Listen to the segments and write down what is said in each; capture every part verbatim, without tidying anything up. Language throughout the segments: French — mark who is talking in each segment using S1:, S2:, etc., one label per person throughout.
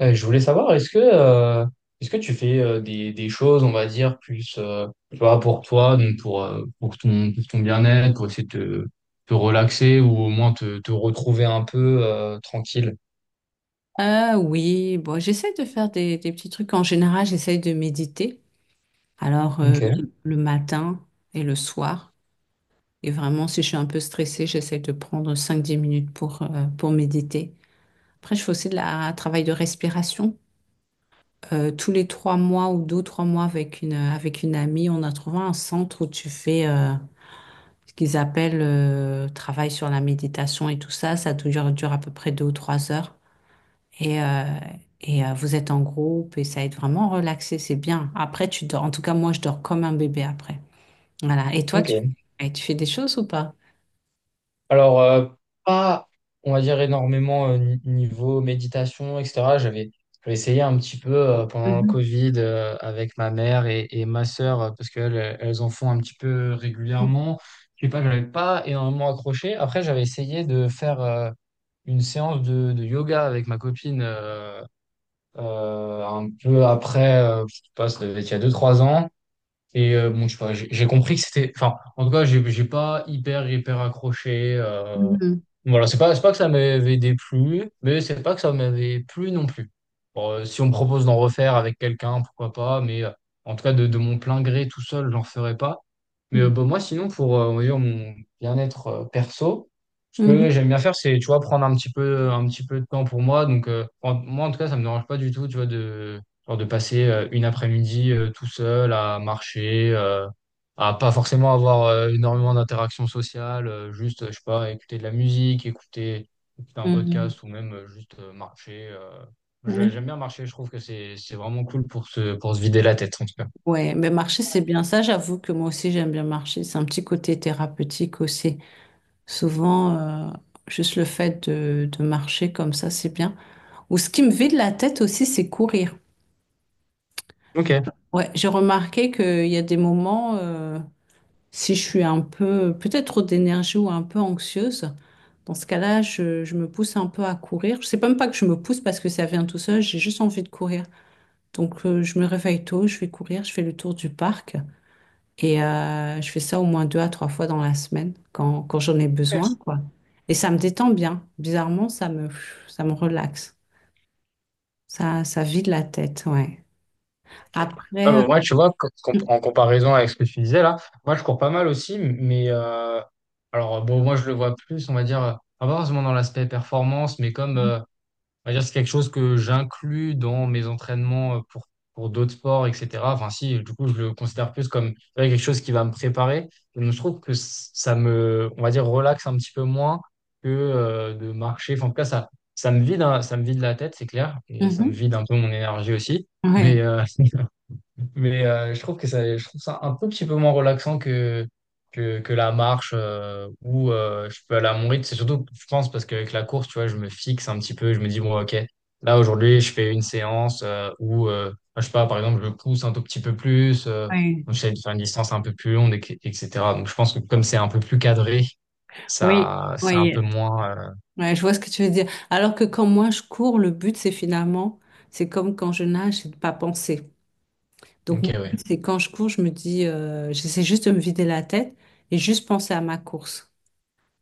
S1: Euh, je voulais savoir, est-ce que, euh, est-ce que tu fais euh, des, des choses, on va dire, plus euh, tu vois, pour toi, donc pour, euh, pour ton, pour ton bien-être, pour essayer de te, te relaxer ou au moins te, te retrouver un peu euh, tranquille?
S2: Ah oui, bon, j'essaie de faire des, des petits trucs. En général, j'essaie de méditer. Alors, euh,
S1: Ok.
S2: le, le matin et le soir. Et vraiment, si je suis un peu stressée, j'essaie de prendre cinq dix minutes pour, euh, pour méditer. Après, je fais aussi de la, un travail de respiration. Euh, tous les trois mois ou deux, trois mois avec une, avec une amie, on a trouvé un centre où tu fais euh, ce qu'ils appellent euh, travail sur la méditation et tout ça. Ça dure, dure à peu près deux ou trois heures. Et, euh, et euh, Vous êtes en groupe et ça aide vraiment à relaxer, c'est bien. Après, tu dors. En tout cas, moi, je dors comme un bébé après. Voilà. Et toi, tu,
S1: Ok.
S2: et tu fais des choses ou pas?
S1: Alors, euh, pas, on va dire, énormément euh, ni- niveau méditation, et cetera. J'avais j'avais essayé un petit peu euh, pendant le
S2: Mhm.
S1: Covid euh, avec ma mère et, et ma sœur, euh, parce qu'elles elles en font un petit peu régulièrement. Je sais pas, j'avais pas énormément accroché. Après, j'avais essayé de faire euh, une séance de, de yoga avec ma copine euh, euh, un peu après, euh, je sais pas, ça devait être il y a deux trois ans. Et euh, bon, je sais pas, j'ai j'ai compris que c'était. Enfin, en tout cas, j'ai j'ai pas hyper, hyper accroché. euh.
S2: Mhm.
S1: Voilà, c'est pas, c'est pas que ça m'avait déplu, mais c'est pas que ça m'avait plu non plus. Bon, euh, si on me propose d'en refaire avec quelqu'un, pourquoi pas, mais euh, en tout cas, de, de mon plein gré tout seul, j'en ferai pas. Mais euh, bah, moi, sinon, pour euh, on va dire, mon bien-être euh, perso, ce
S2: Mhm.
S1: que j'aime bien faire, c'est, tu vois, prendre un petit peu, un petit peu de temps pour moi. Donc, euh, en- moi, en tout cas, ça me dérange pas du tout, tu vois, de, genre de passer euh, une après-midi euh, tout seul à marcher, euh, à pas forcément avoir euh, énormément d'interactions sociales, euh, juste, euh, je sais pas, écouter de la musique, écouter, écouter un
S2: Mhm. Mhm.
S1: podcast ou même euh, juste euh, marcher. euh. J'ai-
S2: Oui.
S1: J'aime bien marcher, je trouve que c'est, c'est vraiment cool pour se, pour se vider la tête, en tout cas.
S2: Ouais, mais marcher, c'est bien. Ça, j'avoue que moi aussi, j'aime bien marcher. C'est un petit côté thérapeutique aussi. Souvent, euh, juste le fait de, de marcher comme ça, c'est bien. Ou ce qui me vide la tête aussi, c'est courir.
S1: Ok.
S2: Ouais, j'ai remarqué qu'il y a des moments, euh, Si je suis un peu, peut-être trop d'énergie ou un peu anxieuse, dans ce cas-là, je, je me pousse un peu à courir. Je sais même pas que je me pousse parce que ça vient tout seul, j'ai juste envie de courir. Donc, euh, je me réveille tôt, je vais courir, je fais le tour du parc et euh, je fais ça au moins deux à trois fois dans la semaine quand, quand j'en ai besoin, quoi. Et ça me détend bien. Bizarrement, ça me, ça me relaxe. Ça, ça vide la tête, ouais.
S1: Ok. Ah
S2: Après,
S1: bah moi, tu vois, co- com-
S2: euh,
S1: en comparaison avec ce que tu disais là, moi je cours pas mal aussi, mais euh, alors bon, moi je le vois plus, on va dire, euh, pas forcément dans l'aspect performance, mais comme euh, on va dire c'est quelque chose que j'inclus dans mes entraînements euh, pour, pour d'autres sports, et cetera. Enfin, si, du coup, je le considère plus comme tu vois, quelque chose qui va me préparer. Et je trouve que c- ça me, on va dire, relaxe un petit peu moins que euh, de marcher. Enfin, en tout cas, ça, ça me vide, hein, ça me vide la tête, c'est clair, et ça me
S2: mhm,
S1: vide un peu mon énergie aussi. Mais,
S2: ouais,
S1: euh, Mais euh, je trouve que ça, je trouve ça un peu petit peu moins relaxant que, que, que la marche euh, où euh, je peux aller à mon rythme. C'est surtout, je pense, parce qu'avec la course, tu vois, je me fixe un petit peu. Je me dis, bon, OK, là, aujourd'hui, je fais une séance euh, où, euh, je sais pas, par exemple, je pousse un tout petit peu plus, euh,
S2: ouais.
S1: j'essaie de faire une distance un peu plus longue, et- etc. Donc, je pense que comme c'est un peu plus cadré,
S2: Oui,
S1: ça, c'est un peu
S2: oui.
S1: moins.
S2: Ouais, je vois ce que tu veux dire. Alors que quand moi je cours, le but c'est finalement, c'est comme quand je nage, c'est de pas penser.
S1: euh,
S2: Donc
S1: OK,
S2: mon
S1: ouais.
S2: but c'est quand je cours, je me dis, euh, j'essaie juste de me vider la tête et juste penser à ma course.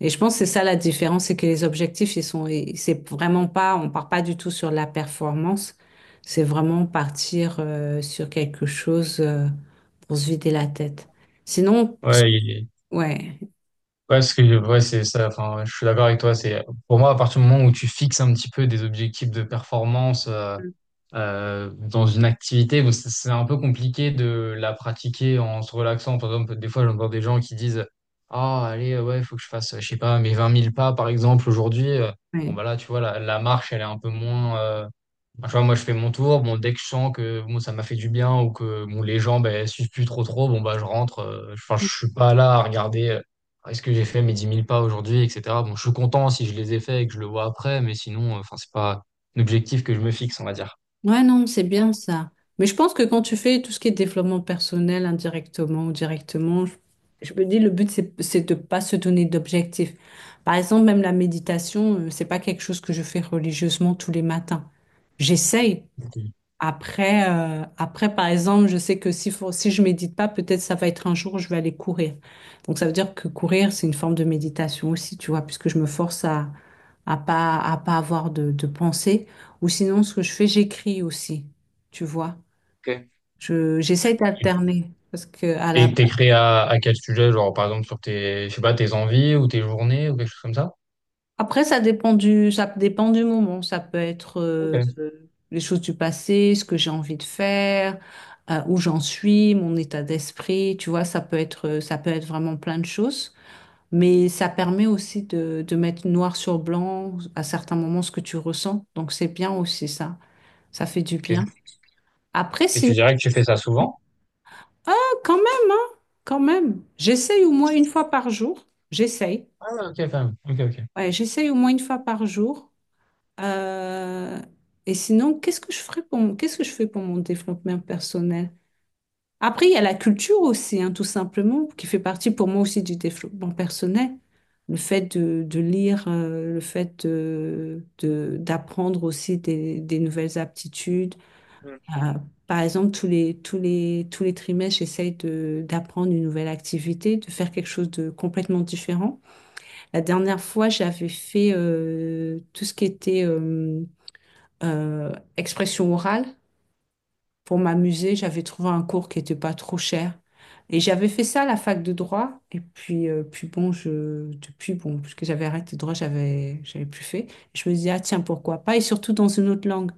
S2: Et je pense que c'est ça la différence, c'est que les objectifs ils sont, et c'est vraiment pas, on part pas du tout sur la performance, c'est vraiment partir euh, sur quelque chose euh, pour se vider la tête. Sinon,
S1: Ouais,
S2: ouais,
S1: ouais, parce que ouais, c'est ça. Enfin, ouais, je suis d'accord avec toi. C'est pour moi à partir du moment où tu fixes un petit peu des objectifs de performance euh, euh, dans une activité, bon, c'est c'est un peu compliqué de la pratiquer en se relaxant. Par exemple, des fois j'entends des gens qui disent, ah allez euh, ouais, faut que je fasse, euh, je sais pas, mes vingt mille pas par exemple aujourd'hui. Euh, Bon
S2: ouais.
S1: bah là, tu vois, la, la marche elle est un peu moins. euh, Enfin, tu vois, moi, je fais mon tour. Bon, dès que je sens que bon, ça m'a fait du bien ou que bon, les gens ben, suivent plus trop trop, bon, bah, je rentre. euh, enfin, je suis pas là à regarder euh, est-ce que j'ai fait mes dix mille pas aujourd'hui, et cetera. Bon, je suis content si je les ai faits et que je le vois après, mais sinon, euh, enfin, c'est pas l'objectif que je me fixe, on va dire.
S2: Ouais, non, c'est bien ça. Mais je pense que quand tu fais tout ce qui est développement personnel indirectement ou directement, je, je me dis le but, c'est, c'est de pas se donner d'objectifs. Par exemple, même la méditation, euh, c'est pas quelque chose que je fais religieusement tous les matins. J'essaye. Après, euh, après, par exemple, je sais que si, faut- si je médite pas, peut-être ça va être un jour où je vais aller courir. Donc ça veut dire que courir, c'est une forme de méditation aussi, tu vois, puisque je me force à, à pas à pas avoir de, de pensée. Ou sinon, ce que je fais, j'écris aussi. Tu vois,
S1: Ok.
S2: je j'essaie d'alterner parce que à la
S1: Et t'es créé à, à quel sujet? Genre, par exemple, sur tes, je sais pas, tes envies ou tes journées ou quelque chose comme ça?
S2: après ça dépend du ça dépend du moment. Ça peut être
S1: Ok,
S2: euh, les choses du passé, ce que j'ai envie de faire, euh, où j'en suis, mon état d'esprit. Tu vois, ça peut être ça peut être vraiment plein de choses. Mais ça permet aussi de, de mettre noir sur blanc à certains moments ce que tu ressens. Donc c'est bien aussi ça. Ça fait du bien.
S1: ok.
S2: Après,
S1: Et
S2: sinon.
S1: tu dirais que tu fais ça souvent?
S2: Ah, quand même, hein, quand même. J'essaye au moins une fois par jour. J'essaye.
S1: Ah, ok, quand même. Ok, ok.
S2: Ouais, j'essaye au moins une fois par jour. Euh, et sinon, qu'est-ce que je ferais pour mon, qu'est-ce que je fais pour mon développement personnel? Après, il y a la culture aussi, hein, tout simplement, qui fait partie pour moi aussi du développement personnel. Le fait de, de lire, euh, le fait de, de- d'apprendre aussi des, des nouvelles aptitudes euh, par exemple, tous les, tous les, tous les trimestres, j'essaye de, d'apprendre une nouvelle activité, de faire quelque chose de complètement différent. La dernière fois, j'avais fait euh, tout ce qui était euh, euh, expression orale pour m'amuser. J'avais trouvé un cours qui n'était pas trop cher. Et j'avais fait ça à la fac de droit. Et puis, euh, puis bon, je, depuis, bon, puisque j'avais arrêté le droit, j'avais, j'avais plus fait. Je me disais, ah tiens, pourquoi pas? Et surtout dans une autre langue.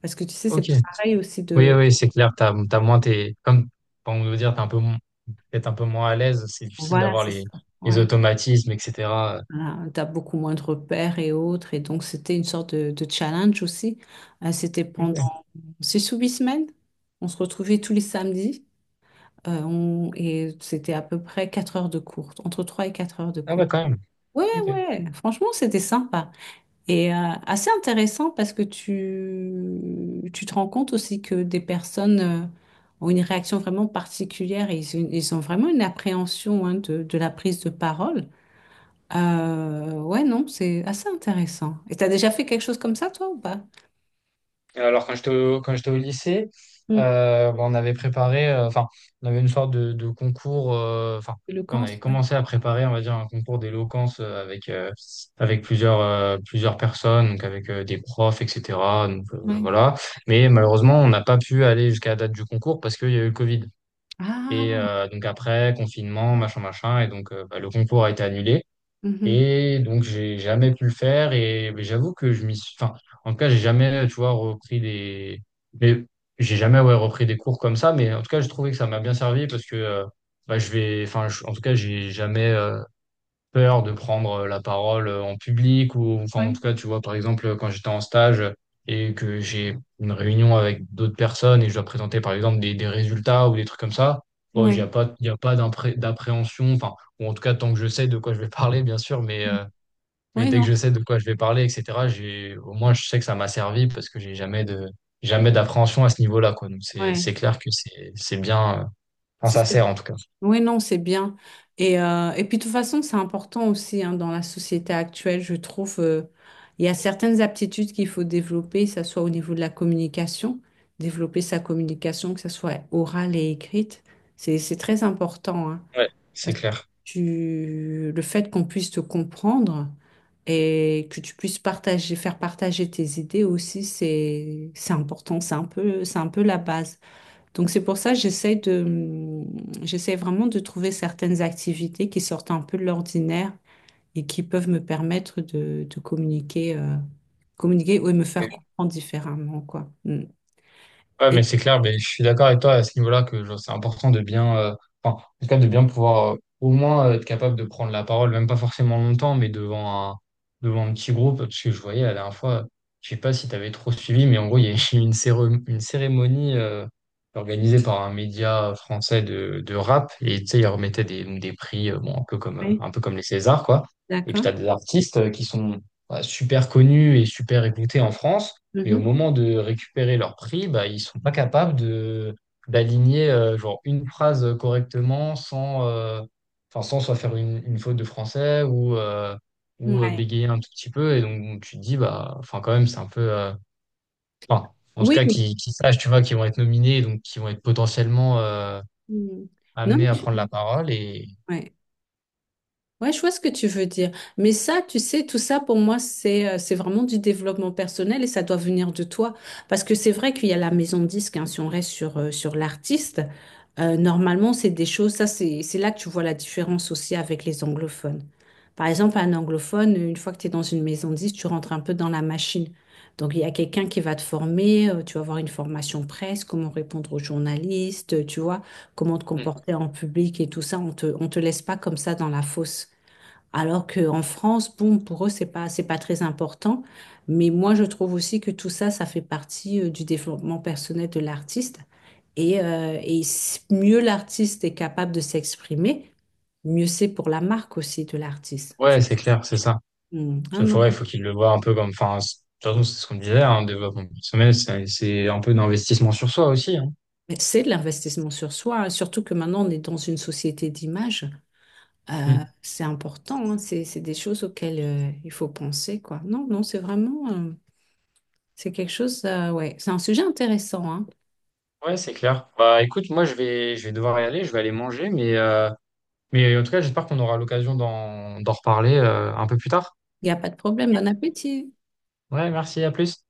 S2: Parce que tu sais, c'est
S1: Ok.
S2: pas pareil aussi
S1: Oui,
S2: de...
S1: oui, c'est clair, t'as, t'as moins tes, comme, pour vous dire, t'es un peu, mo- peut-être un peu moins à l'aise, c'est difficile
S2: Voilà,
S1: d'avoir
S2: c'est ça.
S1: les, les
S2: Ouais.
S1: automatismes, et cetera.
S2: Voilà, t'as beaucoup moins de repères et autres. Et donc, c'était une sorte de, de challenge aussi. Euh, c'était
S1: Ok.
S2: pendant six ou huit semaines. On se retrouvait tous les samedis. Euh, on- et c'était à peu près quatre heures de cours, entre trois et quatre heures de
S1: Ah
S2: cours.
S1: ouais, quand même.
S2: Ouais,
S1: Ok.
S2: ouais, franchement, c'était sympa. Et euh, Assez intéressant parce que tu, tu te rends compte aussi que des personnes euh, ont une réaction vraiment particulière et ils, ils ont vraiment une appréhension hein, de de la prise de parole. Euh, ouais, non, c'est assez intéressant. Et t'as déjà fait quelque chose comme ça, toi, ou pas?
S1: Et Alors, quand j'étais au, quand j'étais au lycée,
S2: Mm.
S1: euh, bon, on avait préparé, euh, enfin, on avait une sorte de, de concours, euh, enfin,
S2: Le
S1: on
S2: cancer,
S1: avait
S2: ouais.
S1: commencé à préparer, on va dire, un concours d'éloquence euh, avec, euh, avec plusieurs, euh, plusieurs personnes, donc avec euh, des profs, et cetera. Donc, euh,
S2: Ouais.
S1: voilà. Mais malheureusement, on n'a pas pu aller jusqu'à la date du concours parce qu'il y a eu le Covid. Et
S2: Ah,
S1: euh, donc après, confinement, machin, machin, et donc euh, bah, le concours a été annulé.
S2: mhm.
S1: Et donc j'ai jamais pu le faire. Et mais j'avoue que je m'y suis. Enfin, en tout cas, j'ai jamais, tu vois, repris des. Mais j'ai jamais ouais, repris des cours comme ça. Mais en tout cas, j'ai trouvé que ça m'a bien servi parce que euh, bah, je vais. Enfin, je- en tout cas, j'ai jamais. euh, peur de prendre euh, la parole euh, en public ou enfin en
S2: Ouais.
S1: tout cas tu vois par exemple quand j'étais en stage et que j'ai une réunion avec d'autres personnes et je dois présenter par exemple des, des résultats ou des trucs comme ça bon il n'y a
S2: Ouais.
S1: pas il y a pas d'appré- d'appréhension enfin ou en tout cas tant que je sais de quoi je vais parler bien sûr mais euh, mais
S2: Oui,
S1: dès que
S2: non.
S1: je sais de quoi je vais parler etc j'ai au moins je sais que ça m'a servi parce que j'ai jamais de jamais d'appréhension à ce niveau-là quoi donc c'est
S2: Ouais.
S1: c'est clair que c'est c'est bien euh, enfin
S2: Ça,
S1: ça
S2: c'est-
S1: sert en tout cas
S2: Oui, non, c'est bien. Et, euh, et puis, de toute façon, c'est important aussi hein, dans la société actuelle, je trouve. Euh, il y a certaines aptitudes qu'il faut développer, que ce soit au niveau de la communication, développer sa communication, que ce soit orale et écrite. C'est, c'est très important. Hein.
S1: ouais c'est
S2: Parce que
S1: clair.
S2: tu, le fait qu'on puisse te comprendre et que tu puisses partager, faire partager tes idées aussi, c'est, c'est important. C'est un peu, c'est un peu la base. Donc c'est pour ça que j'essaie de, j'essaie vraiment de trouver certaines activités qui sortent un peu de l'ordinaire et qui peuvent me permettre de, de communiquer, euh, communiquer ou me faire comprendre différemment, quoi. Mm.
S1: Ouais, mais
S2: Et,
S1: c'est clair, mais je suis d'accord avec toi à ce niveau-là que genre, c'est important de bien, euh, enfin, en tout cas, de bien pouvoir euh, au moins euh, être capable de prendre la parole, même pas forcément longtemps, mais devant un, devant un petit groupe, parce que je voyais la dernière fois, je sais pas si tu avais trop suivi, mais en gros, il y a eu une, céré- une cérémonie euh, organisée par un média français de, de rap, et tu sais, ils remettaient des, des prix, euh, bon, un peu comme, euh,
S2: oui,
S1: un peu comme les Césars, quoi. Et puis, tu
S2: d'accord.
S1: as des artistes euh, qui sont bah, super connus et super écoutés en France mais au moment de récupérer leur prix, bah, ils sont pas capables de d'aligner euh, genre une phrase correctement sans, euh, enfin, sans soit faire une, une faute de français ou, euh,
S2: Mhm.
S1: ou euh,
S2: Ouais.
S1: bégayer un tout petit peu. Et donc, tu te dis, bah, enfin, quand même, c'est un peu. euh, enfin, en tout
S2: Oui,
S1: cas,
S2: oui.
S1: qui, qui sachent, tu vois, qui vont être nominés, donc qui vont être potentiellement euh,
S2: Mm. Non,
S1: amenés à
S2: mais je-
S1: prendre la parole. Et
S2: ouais. Ouais, je vois ce que tu veux dire. Mais ça, tu sais, tout ça pour moi, c'est euh, c'est vraiment du développement personnel et ça doit venir de toi. Parce que c'est vrai qu'il y a la maison de disque, hein, si on reste sur, euh, sur l'artiste, euh, normalement, c'est des choses, ça, c'est c'est là que tu vois la différence aussi avec les anglophones. Par exemple, un anglophone, une fois que tu es dans une maison de disque, tu rentres un peu dans la machine. Donc, il y a quelqu'un qui va te former, euh, tu vas avoir une formation presse, comment répondre aux journalistes, tu vois, comment te
S1: Mm.
S2: comporter en public et tout ça. On te, on te laisse pas comme ça dans la fosse. Alors qu'en France, bon, pour eux, c'est pas, c'est pas, très important. Mais moi, je trouve aussi que tout ça, ça fait partie euh, du développement personnel de l'artiste. Et, euh, et s- mieux l'artiste est capable de s'exprimer, mieux c'est pour la marque aussi de l'artiste. Tu-
S1: Ouais, c'est clair, c'est ça.
S2: Hmm. Ah
S1: Il faut,
S2: non.
S1: ouais, faut qu'ils le voient un peu comme. Enfin, c'est- de toute façon, c'est ce qu'on disait, hein, développement personnel, c'est c'est un peu d'investissement sur soi aussi. Hein.
S2: Mais c'est de l'investissement sur soi, hein. Surtout que maintenant, on est dans une société d'image. Euh,
S1: Mm.
S2: c'est important, hein. C'est, c'est des choses auxquelles euh, il faut penser, quoi. Non, non, c'est vraiment, euh, c'est quelque chose, euh, ouais, c'est un sujet intéressant, hein.
S1: Ouais, c'est clair. Bah écoute, moi je vais je vais devoir y aller, je vais aller manger, mais euh, mais en tout cas j'espère qu'on aura l'occasion d'en d'en reparler euh, un peu plus tard.
S2: Il n'y a pas de problème. Bon appétit.
S1: Ouais, merci, à plus.